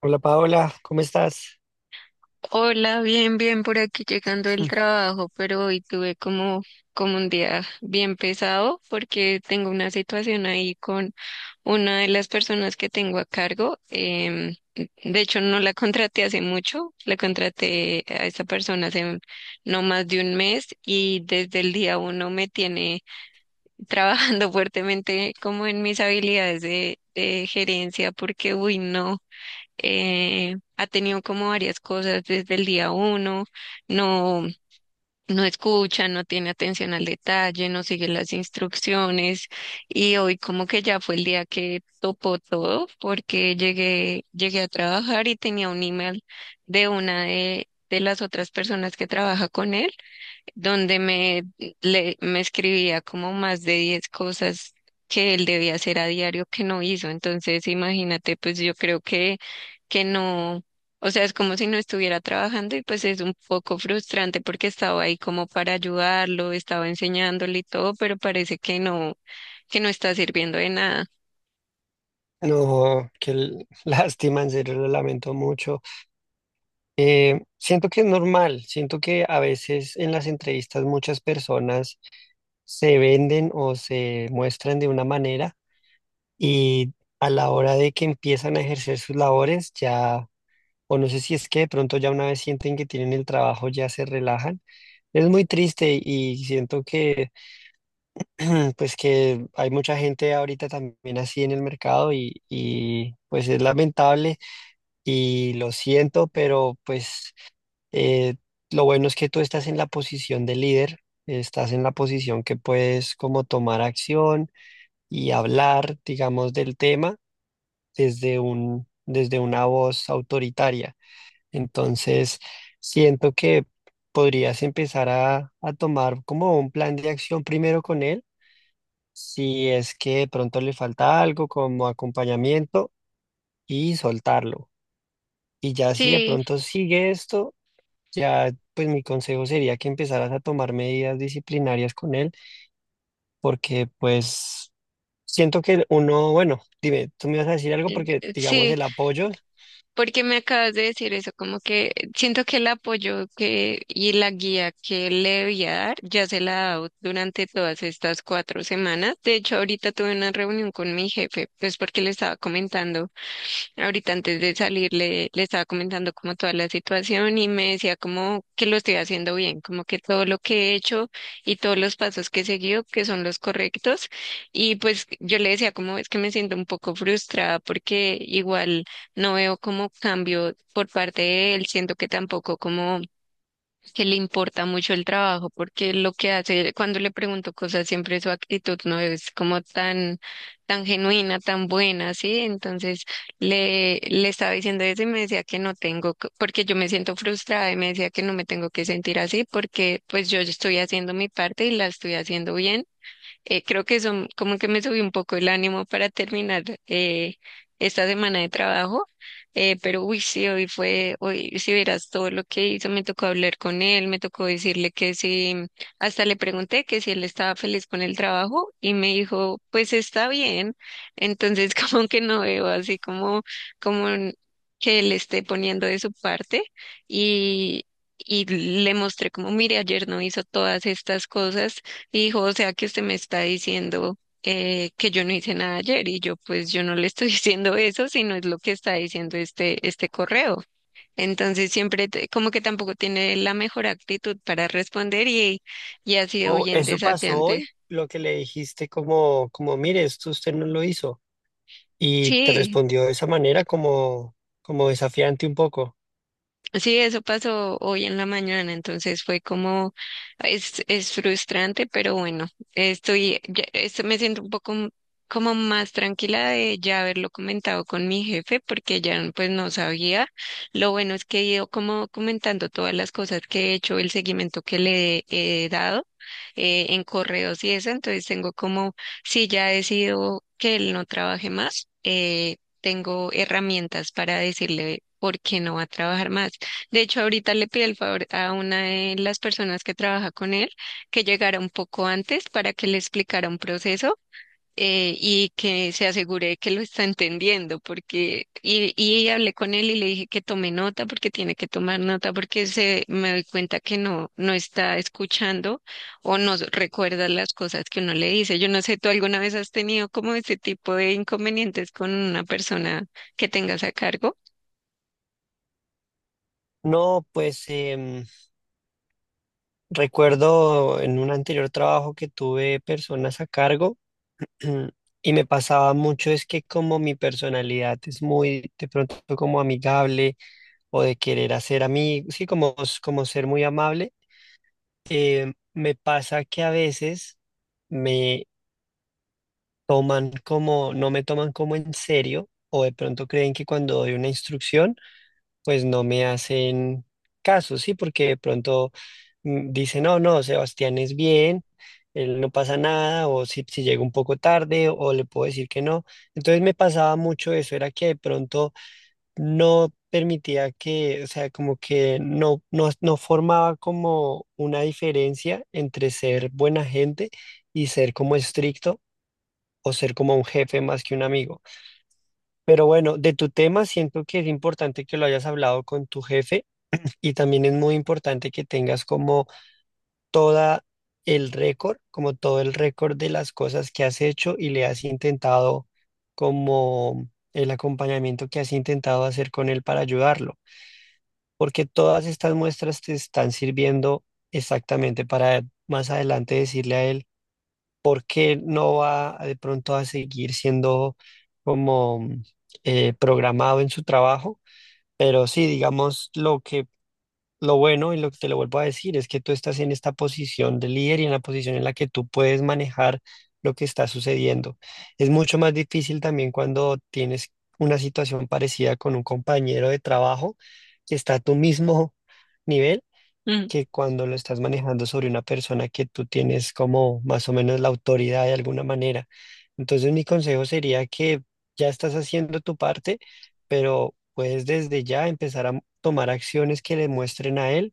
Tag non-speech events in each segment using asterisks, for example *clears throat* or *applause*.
Hola Paola, ¿cómo estás? Hola, bien, bien por aquí llegando del trabajo, pero hoy tuve como un día bien pesado porque tengo una situación ahí con una de las personas que tengo a cargo. De hecho, no la contraté hace mucho, la contraté a esta persona hace no más de un mes y desde el día uno me tiene trabajando *laughs* fuertemente como en mis habilidades de gerencia porque, uy, no ha tenido como varias cosas desde el día uno. No, no escucha, no tiene atención al detalle, no sigue las instrucciones, y hoy como que ya fue el día que topó todo porque llegué a trabajar y tenía un email de las otras personas que trabaja con él donde me escribía como más de 10 cosas que él debía hacer a diario que no hizo. Entonces, imagínate, pues yo creo que no, o sea, es como si no estuviera trabajando y pues es un poco frustrante porque estaba ahí como para ayudarlo, estaba enseñándole y todo, pero parece que no está sirviendo de nada. No, *laughs* lástima, en serio lo lamento mucho. Siento que es normal, siento que a veces en las entrevistas muchas personas se venden o se muestran de una manera y a la hora de que empiezan a ejercer sus labores ya, o no sé si es que de pronto ya una vez sienten que tienen el trabajo ya se relajan. Es muy triste y siento que *clears throat* pues que hay mucha gente ahorita también así en el mercado y pues es lamentable y lo siento, pero pues eh, lo bueno es que tú estás en la posición de líder, estás en la posición que puedes como tomar acción y hablar, digamos, del tema desde una voz autoritaria. Entonces, siento que podrías empezar a tomar como un plan de acción primero con él si es que de pronto le falta algo como acompañamiento y soltarlo. Y ya si de Sí, pronto sigue esto, ya pues mi consejo sería que empezaras a tomar medidas disciplinarias con él, porque pues siento que uno, bueno, dime, tú me vas a decir algo porque digamos sí. el apoyo, Porque me acabas de decir eso, como que siento que el apoyo que y la guía que le voy a dar ya se la he dado durante todas estas 4 semanas. De hecho, ahorita tuve una reunión con mi jefe, pues porque le estaba comentando. Ahorita antes de salir le estaba comentando como toda la situación y me decía como que lo estoy haciendo bien, como que todo lo que he hecho y todos los pasos que he seguido que son los correctos. Y pues yo le decía como es que me siento un poco frustrada porque igual no veo como cambio por parte de él, siento que tampoco como que le importa mucho el trabajo, porque lo que hace, cuando le pregunto cosas, siempre su actitud no es como tan, tan genuina, tan buena, ¿sí? Entonces le estaba diciendo eso y me decía que no tengo, porque yo me siento frustrada, y me decía que no me tengo que sentir así, porque pues yo estoy haciendo mi parte y la estoy haciendo bien. Creo que eso como que me subió un poco el ánimo para terminar esta semana de trabajo. Pero uy, sí, hoy si vieras todo lo que hizo, me tocó hablar con él, me tocó decirle que sí, hasta le pregunté que si él estaba feliz con el trabajo y me dijo, pues está bien. Entonces *laughs* como que no veo así como que él esté poniendo de su parte y. Y le mostré como, mire, ayer no hizo todas estas cosas, hijo, o sea que usted me está diciendo que yo no hice nada ayer, y yo pues yo no le estoy *laughs* diciendo eso, sino es lo que está diciendo este correo. Entonces siempre como que tampoco tiene la mejor actitud para responder, y ha sido o bien eso pasó desafiante. hoy, lo que le dijiste como, como, mire, esto usted no lo hizo. Y te Sí. respondió de esa manera como, como desafiante un poco. Sí, eso pasó hoy en la mañana, entonces fue como, es frustrante, pero bueno, esto me siento un poco como más tranquila de ya haberlo comentado con mi jefe, porque ya pues no sabía. Lo bueno es que he ido como comentando todas las cosas que he hecho, el seguimiento que le he dado en correos y eso. Entonces tengo como, si ya decido que él no trabaje más, tengo herramientas para decirle por qué no va a trabajar más. De hecho, ahorita le pido el favor a una de las personas que trabaja con él que llegara un poco antes para que le explicara un proceso y que se asegure que lo está entendiendo, porque y hablé con él y le dije que tome nota, porque tiene que tomar nota porque se me doy cuenta que no está escuchando o no recuerda las cosas que uno le dice. Yo no sé, ¿tú alguna vez has tenido como ese tipo de inconvenientes con una persona que tengas a cargo? No, pues... recuerdo en un anterior trabajo que tuve personas a cargo *clears throat* y me pasaba mucho es que como mi personalidad es muy de pronto como amigable o de querer hacer amigos, sí, como, como ser muy amable, me pasa que a veces me toman como, no me toman como en serio o de pronto creen que cuando doy una instrucción pues no me hacen caso, ¿sí? Porque de pronto dicen, no, no, Sebastián es bien, él no pasa nada, o si, si llega un poco tarde, o le puedo decir que no. Entonces me pasaba mucho eso, era que de pronto no permitía que, o sea, como que no no formaba como una diferencia entre ser buena gente y ser como estricto, o ser como un jefe más que un amigo. Pero bueno, de tu tema siento que es importante que lo hayas hablado con tu jefe y también es muy importante que tengas como toda el récord, como todo el récord de las cosas que has hecho y le has intentado, como el acompañamiento que has intentado hacer con él para ayudarlo, porque todas estas muestras te están sirviendo exactamente para más adelante decirle a él por qué no va de pronto a seguir siendo como programado en su trabajo. Pero sí, digamos, lo que lo bueno, y lo que te lo vuelvo a decir, es que tú estás en esta posición de líder y en la posición en la que tú puedes manejar lo que está sucediendo. Es mucho más difícil también cuando tienes una situación parecida con un compañero de trabajo que está a tu mismo *laughs* nivel que cuando lo estás manejando sobre una persona que tú tienes como más o menos la autoridad de alguna manera. Entonces mi consejo sería que ya estás haciendo tu parte, pero puedes desde ya empezar a tomar acciones que le muestren a él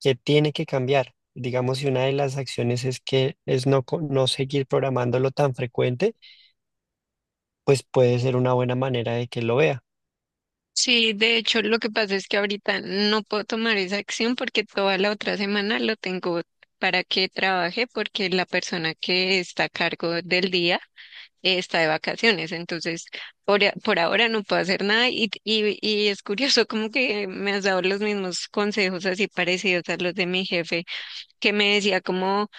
que tiene que cambiar. Digamos, si una de las acciones es que es no, no seguir programándolo tan frecuente, pues puede ser una buena manera de que lo vea. Sí, de hecho, lo que pasa es que ahorita no puedo tomar esa acción porque toda la otra semana lo tengo para que trabaje porque la persona que está a cargo del día está de vacaciones. Entonces, por ahora no puedo hacer nada, y es curioso como que me has dado los mismos consejos así parecidos a los de mi jefe, que me decía como.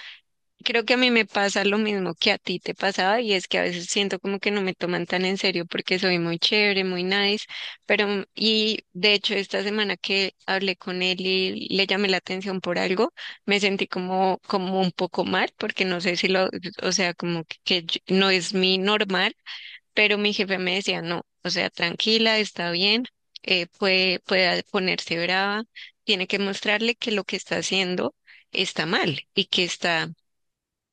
Creo que a mí me pasa lo mismo que a ti te pasaba, y es que a veces siento como que no me toman tan en serio porque soy muy chévere, muy nice, pero y de hecho esta semana que hablé con él y le llamé la atención por algo, me sentí como un poco mal porque no sé si lo, o sea, como que no es mi normal, pero mi jefe me decía, "No, o sea, tranquila, está bien, puede ponerse brava, tiene que mostrarle que lo que está haciendo está mal, y que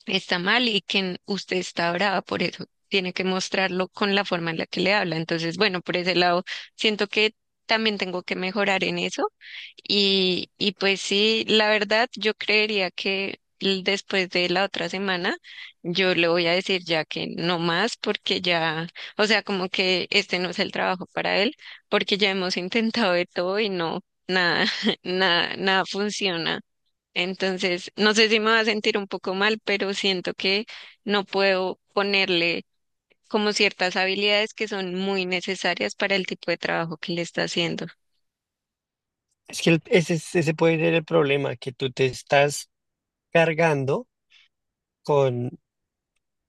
está mal, y que usted está brava por eso. Tiene que mostrarlo con la forma en la que le habla." Entonces, bueno, por ese lado, siento que también tengo que mejorar en eso. Y pues sí, la verdad, yo creería que después de la otra semana, yo le voy a decir ya que no más, porque ya, o sea, como que este no es el trabajo para él, porque ya hemos *laughs* intentado de todo y no, nada, *laughs* nada, nada funciona. Entonces, no sé si me va a sentir un poco mal, pero siento que no puedo ponerle como ciertas habilidades que son muy necesarias para el tipo de trabajo que le está haciendo. Es que ese puede ser el problema, que tú te estás cargando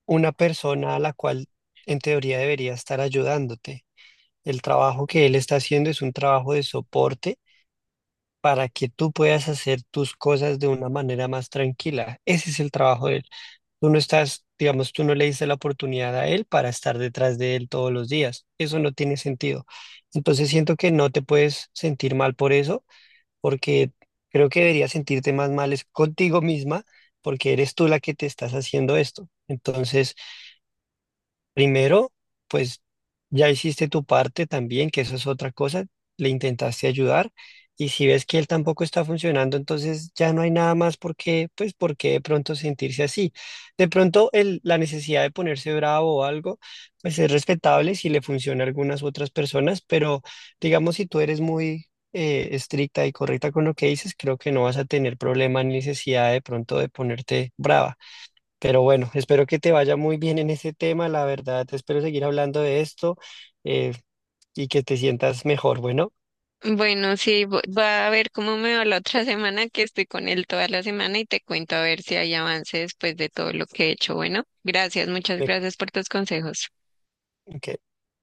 una persona a la cual en teoría debería estar ayudándote. El trabajo que él está haciendo es un trabajo de soporte para que tú puedas hacer tus cosas de una manera más tranquila. Ese es el trabajo de él. Tú no estás, digamos, tú no le diste la oportunidad a él para estar detrás de él todos los días. Eso no tiene sentido. Entonces siento que no te puedes sentir mal por eso, porque creo que deberías sentirte más mal es contigo misma, porque eres tú la que te estás haciendo esto. Entonces... primero, pues ya hiciste tu parte también, que eso es otra cosa, le intentaste ayudar y si ves que él tampoco está funcionando, entonces ya no hay nada más por qué, pues por qué de pronto sentirse así. De pronto la necesidad de ponerse bravo o algo, pues es respetable si le funciona a algunas otras personas, pero digamos si tú eres muy estricta y correcta con lo que dices, creo que no vas a tener problema ni necesidad de pronto de ponerte brava. Pero bueno, espero que te vaya muy bien en ese tema, la verdad, espero seguir hablando de esto, eh, y que te sientas mejor. Bueno, Bueno, sí, va a ver cómo me va la otra *laughs* semana, que estoy con él toda la semana, y te cuento a ver si hay avance después de todo lo que he hecho. Bueno, gracias, muchas me- gracias por tus consejos. ok.